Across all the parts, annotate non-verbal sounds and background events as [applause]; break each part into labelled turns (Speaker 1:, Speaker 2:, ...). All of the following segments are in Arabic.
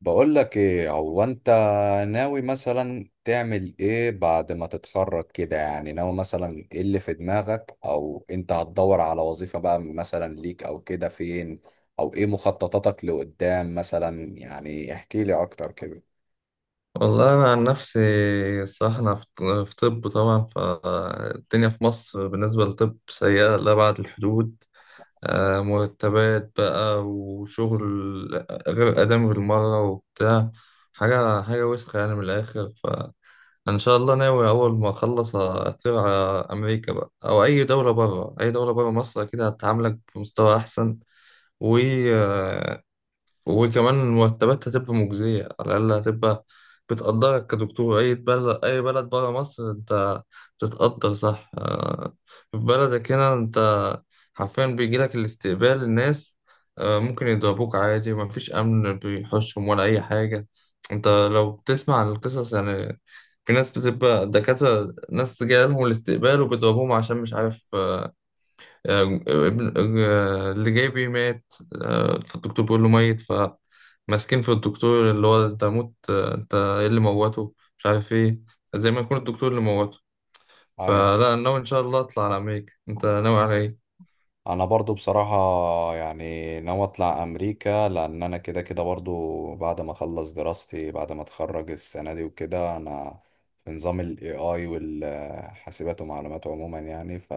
Speaker 1: بقول لك ايه هو انت ناوي مثلا تعمل ايه بعد ما تتخرج كده؟ يعني ناوي مثلا ايه اللي في دماغك، او انت هتدور على وظيفة بقى مثلا ليك او كده فين؟ او ايه مخططاتك لقدام مثلا؟ يعني احكي لي اكتر كده.
Speaker 2: والله أنا عن نفسي، الصراحة أنا في طب. طبعا فالدنيا في مصر بالنسبة للطب سيئة لأبعد الحدود. مرتبات بقى وشغل غير آدمي بالمرة وبتاع، حاجة وسخة يعني من الآخر. فإن شاء الله ناوي أول ما أخلص أطير على أمريكا بقى، أو أي دولة بره مصر أكيد هتعاملك بمستوى أحسن. و آه، وكمان المرتبات هتبقى مجزية، على الأقل هتبقى بتقدرك كدكتور. أي بلد برا مصر أنت بتتقدر، صح. في بلدك هنا أنت حرفيا بيجيلك الاستقبال الناس، ممكن يضربوك عادي، ومفيش أمن بيحوشهم ولا أي حاجة. أنت لو بتسمع عن القصص يعني، في ناس بتبقى دكاترة، ناس جالهم الاستقبال وبيضربوهم عشان مش عارف آه، ابن اللي جاي بيه مات. فالدكتور بيقول له ميت، فماسكين في الدكتور اللي هو انت موت، انت ايه اللي موته، مش عارف ايه، زي ما يكون الدكتور اللي موته. فلا، أنا ناوي ان شاء الله اطلع على امريكا. انت ناوي على ايه؟
Speaker 1: انا برضو بصراحة يعني ناوي اطلع امريكا، لان انا كده كده برضو بعد ما اخلص دراستي، بعد ما اتخرج السنة دي وكده، انا في نظام الاي اي والحاسبات ومعلومات عموما يعني. ف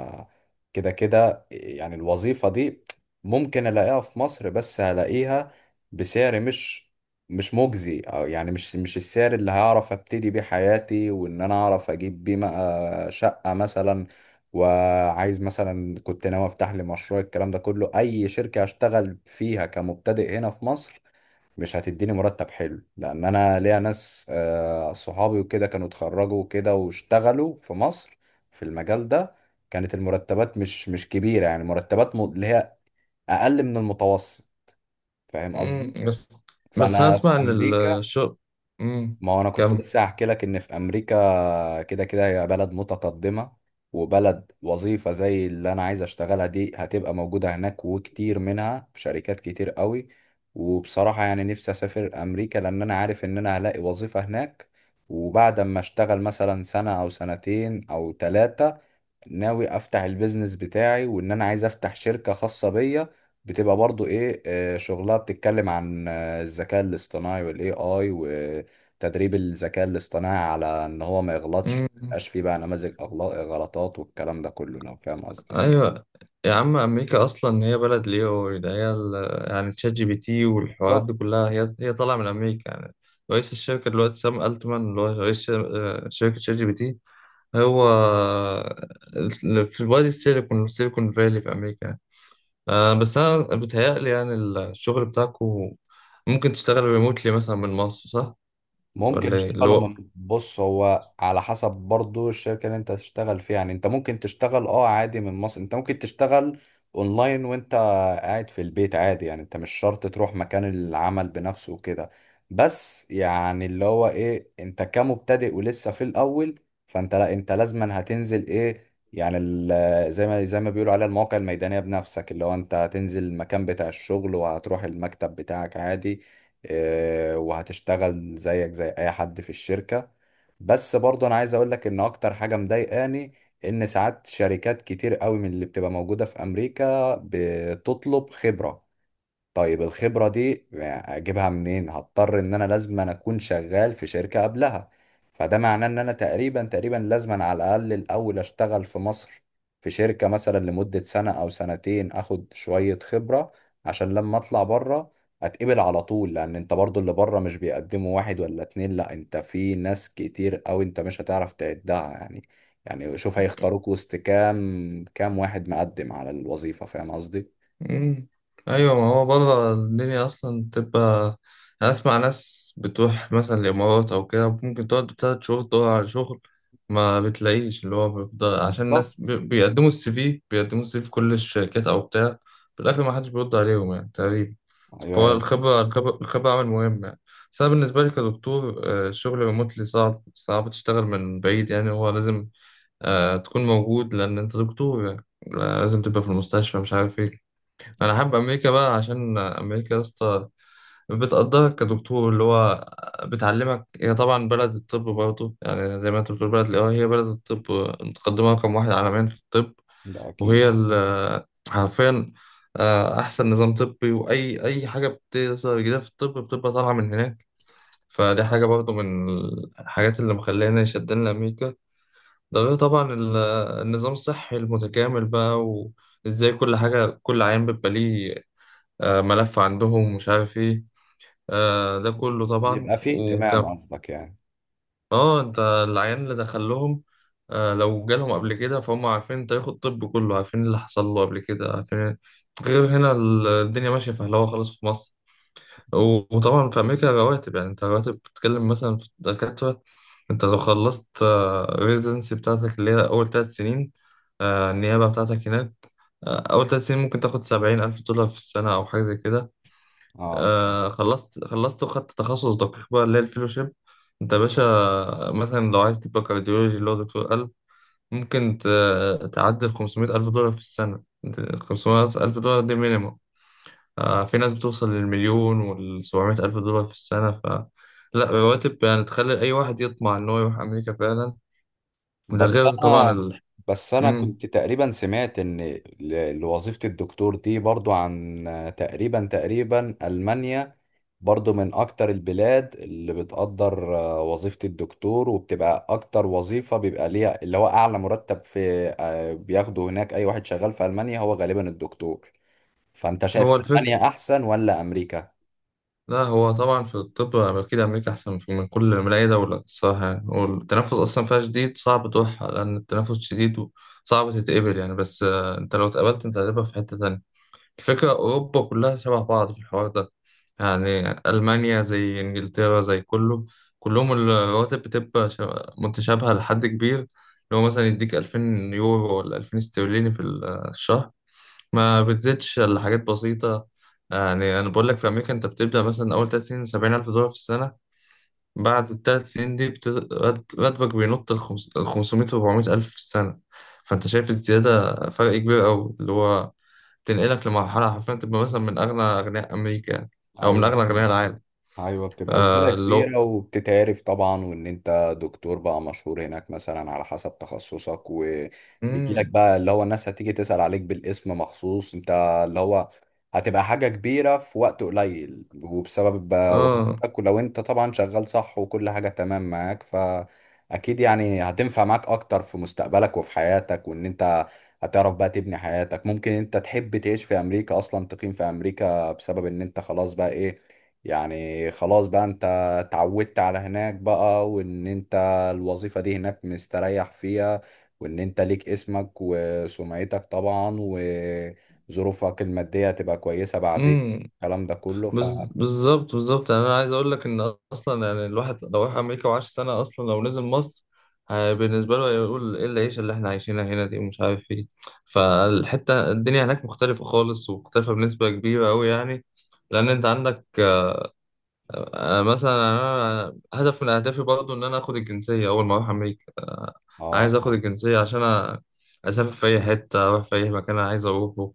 Speaker 1: كده كده يعني الوظيفة دي ممكن الاقيها في مصر، بس هلاقيها بسعر مش مجزي، او يعني مش السعر اللي هعرف ابتدي بيه حياتي، وان انا اعرف اجيب بيه بقى شقة مثلا، وعايز مثلا كنت ناوي افتح لي مشروع الكلام ده كله. اي شركة هشتغل فيها كمبتدئ هنا في مصر مش هتديني مرتب حلو، لان انا ليا ناس صحابي وكده كانوا اتخرجوا وكده واشتغلوا في مصر في المجال ده. كانت المرتبات مش كبيرة، يعني مرتبات اللي هي اقل من المتوسط. فاهم قصدي؟
Speaker 2: مم، بس بس انا
Speaker 1: فانا في
Speaker 2: اسمع ان
Speaker 1: امريكا،
Speaker 2: الشغل امم
Speaker 1: ما هو انا كنت لسه هحكي لك ان في امريكا، فكده كده هي بلد متقدمة، وبلد وظيفة زي اللي أنا عايز أشتغلها دي هتبقى موجودة هناك وكتير منها في شركات كتير قوي. وبصراحة يعني نفسي أسافر أمريكا، لأن أنا عارف إن أنا هلاقي وظيفة هناك. وبعد ما أشتغل مثلا سنة أو سنتين أو تلاتة، ناوي افتح البيزنس بتاعي، وان انا عايز افتح شركة خاصة بيا بتبقى برضو ايه شغلها بتتكلم عن الذكاء الاصطناعي والاي اي، وتدريب الذكاء الاصطناعي على ان هو ما يغلطش، ما
Speaker 2: كم.
Speaker 1: يبقاش فيه بقى نماذج غلطات والكلام ده كله، لو فاهم قصدي يعني.
Speaker 2: ايوه يا عم، امريكا اصلا هي بلد ليو ده. هي يعني تشات جي بي تي والحوارات
Speaker 1: بالظبط.
Speaker 2: دي كلها هي هي طالعه من امريكا يعني. رئيس الشركه دلوقتي سام التمان اللي هو رئيس شركه شات جي بي تي، هو في وادي السيليكون فالي، في امريكا يعني. بس انا بتهيألي يعني الشغل بتاعكم ممكن تشتغل ريموتلي مثلا من مصر، صح
Speaker 1: ممكن
Speaker 2: ولا إيه؟ اللي
Speaker 1: اشتغلوا
Speaker 2: هو،
Speaker 1: من بص، هو على حسب برضو الشركة اللي انت تشتغل فيها، يعني انت ممكن تشتغل اه عادي من مصر، انت ممكن تشتغل اونلاين وانت قاعد في البيت عادي يعني، انت مش شرط تروح مكان العمل بنفسه وكده. بس يعني اللي هو ايه، انت كمبتدئ ولسه في الاول، فانت لا، انت لازما هتنزل ايه يعني زي ما بيقولوا عليها المواقع الميدانية بنفسك، اللي هو انت هتنزل المكان بتاع الشغل وهتروح المكتب بتاعك عادي. وهتشتغل زيك زي اي حد في الشركة. بس برضو انا عايز اقول لك ان اكتر حاجة مضايقاني ان ساعات شركات كتير قوي من اللي بتبقى موجودة في امريكا بتطلب خبرة. طيب الخبرة دي اجيبها منين؟ هضطر ان انا لازم أنا اكون شغال في شركة قبلها. فده معناه ان انا تقريبا تقريبا لازم أنا على الاقل الاول اشتغل في مصر، في شركة مثلا لمدة سنة او سنتين، اخد شوية خبرة عشان لما اطلع بره اتقبل على طول. لان انت برضو اللي بره مش بيقدموا واحد ولا اتنين، لا انت في ناس كتير، او انت مش هتعرف تعدها يعني. يعني شوف، هيختاروك وسط كام كام واحد مقدم على الوظيفة؟ فاهم قصدي؟
Speaker 2: مم. ايوه، ما هو بره الدنيا اصلا تبقى. أنا اسمع ناس بتروح مثلا الامارات او كده، ممكن تقعد 3 شهور تدور على شغل ما بتلاقيش. اللي هو بيفضل عشان
Speaker 1: بالظبط.
Speaker 2: الناس بيقدموا السي في، بيقدموا السي في في كل الشركات او بتاع، في الاخر ما حدش بيرد عليهم يعني تقريبا. فهو
Speaker 1: ايوه،
Speaker 2: الخبرة، الخبرة، الخبرة عامل مهم يعني. بس أنا بالنسبة لي كدكتور، الشغل ريموتلي صعب، صعب تشتغل من بعيد يعني. هو لازم تكون موجود، لأن أنت دكتور، يعني لازم تبقى في المستشفى، مش عارف إيه. انا حابب امريكا بقى عشان امريكا يا اسطى بتقدرك كدكتور، اللي هو بتعلمك. هي طبعا بلد الطب، برضه يعني زي ما انت بتقول بلد الاي، هي بلد الطب، متقدمه رقم واحد عالميا في الطب.
Speaker 1: ده
Speaker 2: وهي
Speaker 1: اكيد.
Speaker 2: حرفيا احسن نظام طبي. واي اي حاجه بتظهر جديده في الطب بتبقى طالعه من هناك. فدي حاجه برضه من الحاجات اللي مخلاني شدان لامريكا. ده غير طبعا النظام الصحي المتكامل بقى. و... ازاي كل حاجة، كل عيان بيبقى ليه ملف عندهم، مش عارف ايه، ده كله طبعا.
Speaker 1: بيبقى فيه اهتمام
Speaker 2: وكم
Speaker 1: قصدك يعني؟
Speaker 2: اه، انت العيان اللي دخلهم لو جالهم قبل كده فهم عارفين، انت ياخد الطب كله عارفين اللي حصل له قبل كده، عارفين. غير هنا الدنيا ماشية فهلوة خالص في مصر. وطبعا في أمريكا رواتب يعني، انت رواتب بتتكلم مثلا في الدكاترة. انت لو خلصت ريزنسي بتاعتك اللي هي أول 3 سنين، النيابة بتاعتك هناك، أول 3 سنين ممكن تاخد 70,000 دولار في السنة أو حاجة زي كده.
Speaker 1: اه.
Speaker 2: خلصت وخدت تخصص دقيق بقى اللي هي الفيلوشيب، انت يا باشا مثلا لو عايز تبقى كارديولوجي اللي هو دكتور قلب، ممكن تعدل 500 ألف دولار في السنة. 500 ألف دولار دي مينيمم. آه في ناس بتوصل للمليون وال700 ألف دولار في السنة. ف لا، رواتب يعني تخلي أي واحد يطمع إن هو يروح أمريكا فعلا. وده
Speaker 1: بس
Speaker 2: غير طبعا
Speaker 1: انا
Speaker 2: ال...
Speaker 1: بس انا
Speaker 2: مم.
Speaker 1: كنت تقريبا سمعت ان لوظيفة الدكتور دي برضو عن تقريبا تقريبا المانيا برضو من اكتر البلاد اللي بتقدر وظيفة الدكتور، وبتبقى اكتر وظيفة بيبقى ليها اللي هو اعلى مرتب في بياخده هناك، اي واحد شغال في المانيا هو غالبا الدكتور. فانت شايف
Speaker 2: هو الفكرة،
Speaker 1: المانيا احسن ولا امريكا؟
Speaker 2: لا، هو طبعا في الطب أكيد أمريكا أحسن من كل، من أي دولة الصراحة يعني. والتنفس أصلا فيها شديد، صعب تروح لأن التنفس شديد وصعب تتقبل يعني. بس أنت لو اتقبلت أنت هتبقى في حتة تانية. الفكرة أوروبا كلها شبه بعض في الحوار ده، يعني ألمانيا زي إنجلترا زي كله. كلهم الرواتب بتبقى متشابهة لحد كبير. لو مثلا يديك 2000 يورو ولا 2000 استرليني في الشهر، ما بتزيدش الا حاجات بسيطة. يعني أنا بقول لك في أمريكا أنت بتبدأ مثلا أول 3 سنين 70,000 دولار في السنة. بعد الـ3 سنين دي راتبك بينط لخمسمية وأربعمية ألف في السنة. فأنت شايف الزيادة، فرق كبير أوي اللي هو تنقلك لمرحلة حرفيا تبقى مثلا من أغنى أغنياء أمريكا يعني، أو من
Speaker 1: ايوه
Speaker 2: أغنى أغنياء العالم.
Speaker 1: ايوه، بتبقى زباله
Speaker 2: آه، اللي هو،
Speaker 1: كبيره وبتتعرف طبعا، وان انت دكتور بقى مشهور هناك مثلا على حسب تخصصك، وبيجي لك
Speaker 2: مم،
Speaker 1: بقى اللي هو الناس هتيجي تسأل عليك بالاسم مخصوص انت. اللي هو هتبقى حاجه كبيره في وقت قليل، وبسبب بقى
Speaker 2: آه،
Speaker 1: وظيفتك، ولو انت طبعا شغال صح وكل حاجه تمام معاك، فاكيد يعني هتنفع معاك اكتر في مستقبلك وفي حياتك، وان انت هتعرف بقى تبني حياتك، ممكن انت تحب تعيش في امريكا، اصلا تقيم في امريكا، بسبب ان انت خلاص بقى ايه، يعني خلاص بقى انت اتعودت على هناك بقى، وان انت الوظيفة دي هناك مستريح فيها، وان انت ليك اسمك وسمعتك طبعا، وظروفك المادية تبقى كويسة بعدين
Speaker 2: مم.
Speaker 1: الكلام ده كله ف
Speaker 2: بالظبط، بالظبط يعني انا عايز اقول لك ان اصلا يعني الواحد لو راح امريكا وعاش سنه اصلا، لو نزل مصر بالنسبه له هيقول، ايه العيشه اللي احنا عايشينها هنا دي ومش عارف ايه. فالحته الدنيا هناك مختلفه خالص، ومختلفه بنسبه كبيره قوي يعني. لان انت عندك مثلا انا هدف من اهدافي برضو ان انا اخد الجنسيه اول ما اروح امريكا.
Speaker 1: اه
Speaker 2: عايز اخد
Speaker 1: اه
Speaker 2: الجنسيه عشان أ- اسافر في اي حته، اروح في اي مكان انا عايز اروحه.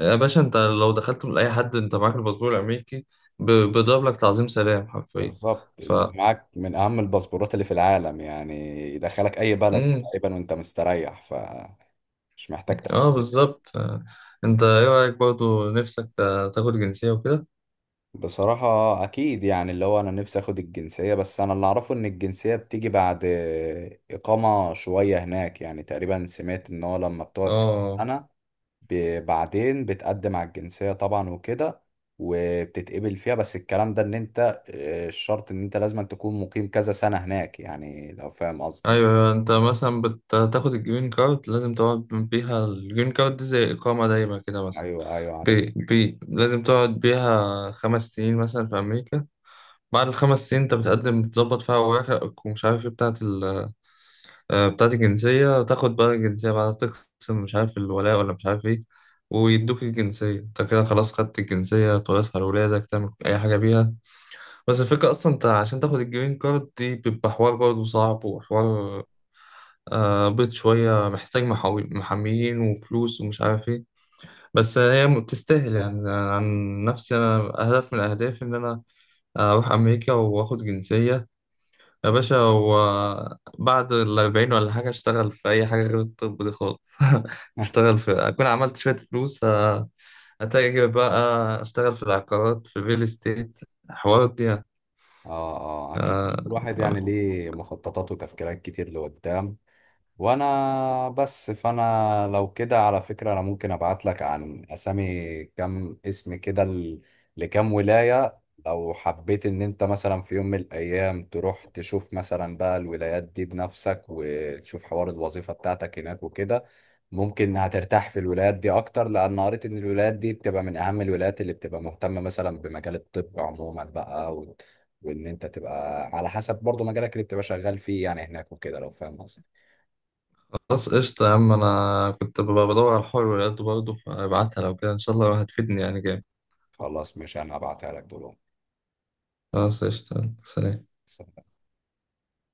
Speaker 2: يا باشا انت لو دخلت من اي حد انت معاك الباسبور الامريكي، بيضرب لك تعظيم سلام حرفيا.
Speaker 1: بالظبط.
Speaker 2: ف
Speaker 1: انت معاك من اهم الباسبورات اللي في العالم يعني، يدخلك اي بلد
Speaker 2: امم
Speaker 1: تقريبا وانت مستريح، فمش محتاج
Speaker 2: اه
Speaker 1: تفكير.
Speaker 2: بالظبط، آه. انت ايه رايك برضو نفسك تاخد جنسيه وكده؟
Speaker 1: بصراحة أكيد يعني اللي هو أنا نفسي أخد الجنسية، بس أنا اللي أعرفه إن الجنسية بتيجي بعد إقامة شوية هناك. يعني تقريبا سمعت إن هو لما بتقعد كام
Speaker 2: اه،
Speaker 1: سنة، بعدين بتقدم على الجنسية طبعا وكده، وبتتقبل فيها. بس الكلام ده إن أنت الشرط إن أنت لازم تكون مقيم كذا سنة هناك، يعني لو فاهم قصدي.
Speaker 2: ايوه، ايوه، انت مثلا بتاخد الجرين كارد، لازم تقعد بيها. الجرين كارد دي زي اقامه دايمه كده مثلا.
Speaker 1: أيوه أيوه عارف.
Speaker 2: بي بي لازم تقعد بيها 5 سنين مثلا في امريكا. بعد الـ5 سنين انت بتقدم، بتظبط فيها اوراقك ومش عارف ايه بتاعه بتاعت الجنسية. تاخد بقى الجنسية بعد تقسم مش عارف الولاء ولا مش عارف ايه، ويدوك الجنسية. انت كده خلاص خدت الجنسية، تورثها لولادك، تعمل أي حاجة بيها. بس الفكرة أصلا انت عشان تاخد الجرين كارد دي بيبقى حوار برضه صعب، وحوار بيض شوية، محتاج محاميين وفلوس ومش عارف ايه. بس هي تستاهل يعني. عن نفسي أنا هدف من أهدافي إن أنا أروح أمريكا وآخد جنسية. يا باشا هو بعد الـ40 ولا حاجة أشتغل في أي حاجة غير الطب دي خالص. [laughs]
Speaker 1: [laughs]
Speaker 2: أشتغل في، أكون عملت شوية فلوس، أتاجر بقى، أشتغل في العقارات، في الريل استيت، حوارات دي يعني.
Speaker 1: آه آه أكيد.
Speaker 2: آه،
Speaker 1: الواحد يعني ليه مخططات وتفكيرات كتير لقدام. وانا بس، فانا لو كده على فكرة، انا ممكن ابعت لك عن اسامي كم اسم كده لكم ولاية، لو حبيت ان انت مثلا في يوم من الايام تروح تشوف مثلا بقى الولايات دي بنفسك، وتشوف حوار الوظيفة بتاعتك هناك وكده. ممكن هترتاح في الولايات دي اكتر، لان قريت ان الولايات دي بتبقى من اهم الولايات اللي بتبقى مهتمة مثلا بمجال الطب عموما بقى، و... وان انت تبقى على حسب برضو مجالك اللي بتبقى شغال فيه يعني هناك وكده، لو فاهم قصدي.
Speaker 2: خلاص قشطة يا عم، أنا كنت ببقى بدور على الحر ولقيته برضه، فبعتها لو كده إن شاء الله هتفيدني يعني جامد.
Speaker 1: خلاص ماشي، انا هبعتها لك دلوقتي.
Speaker 2: خلاص قشطة. سلام.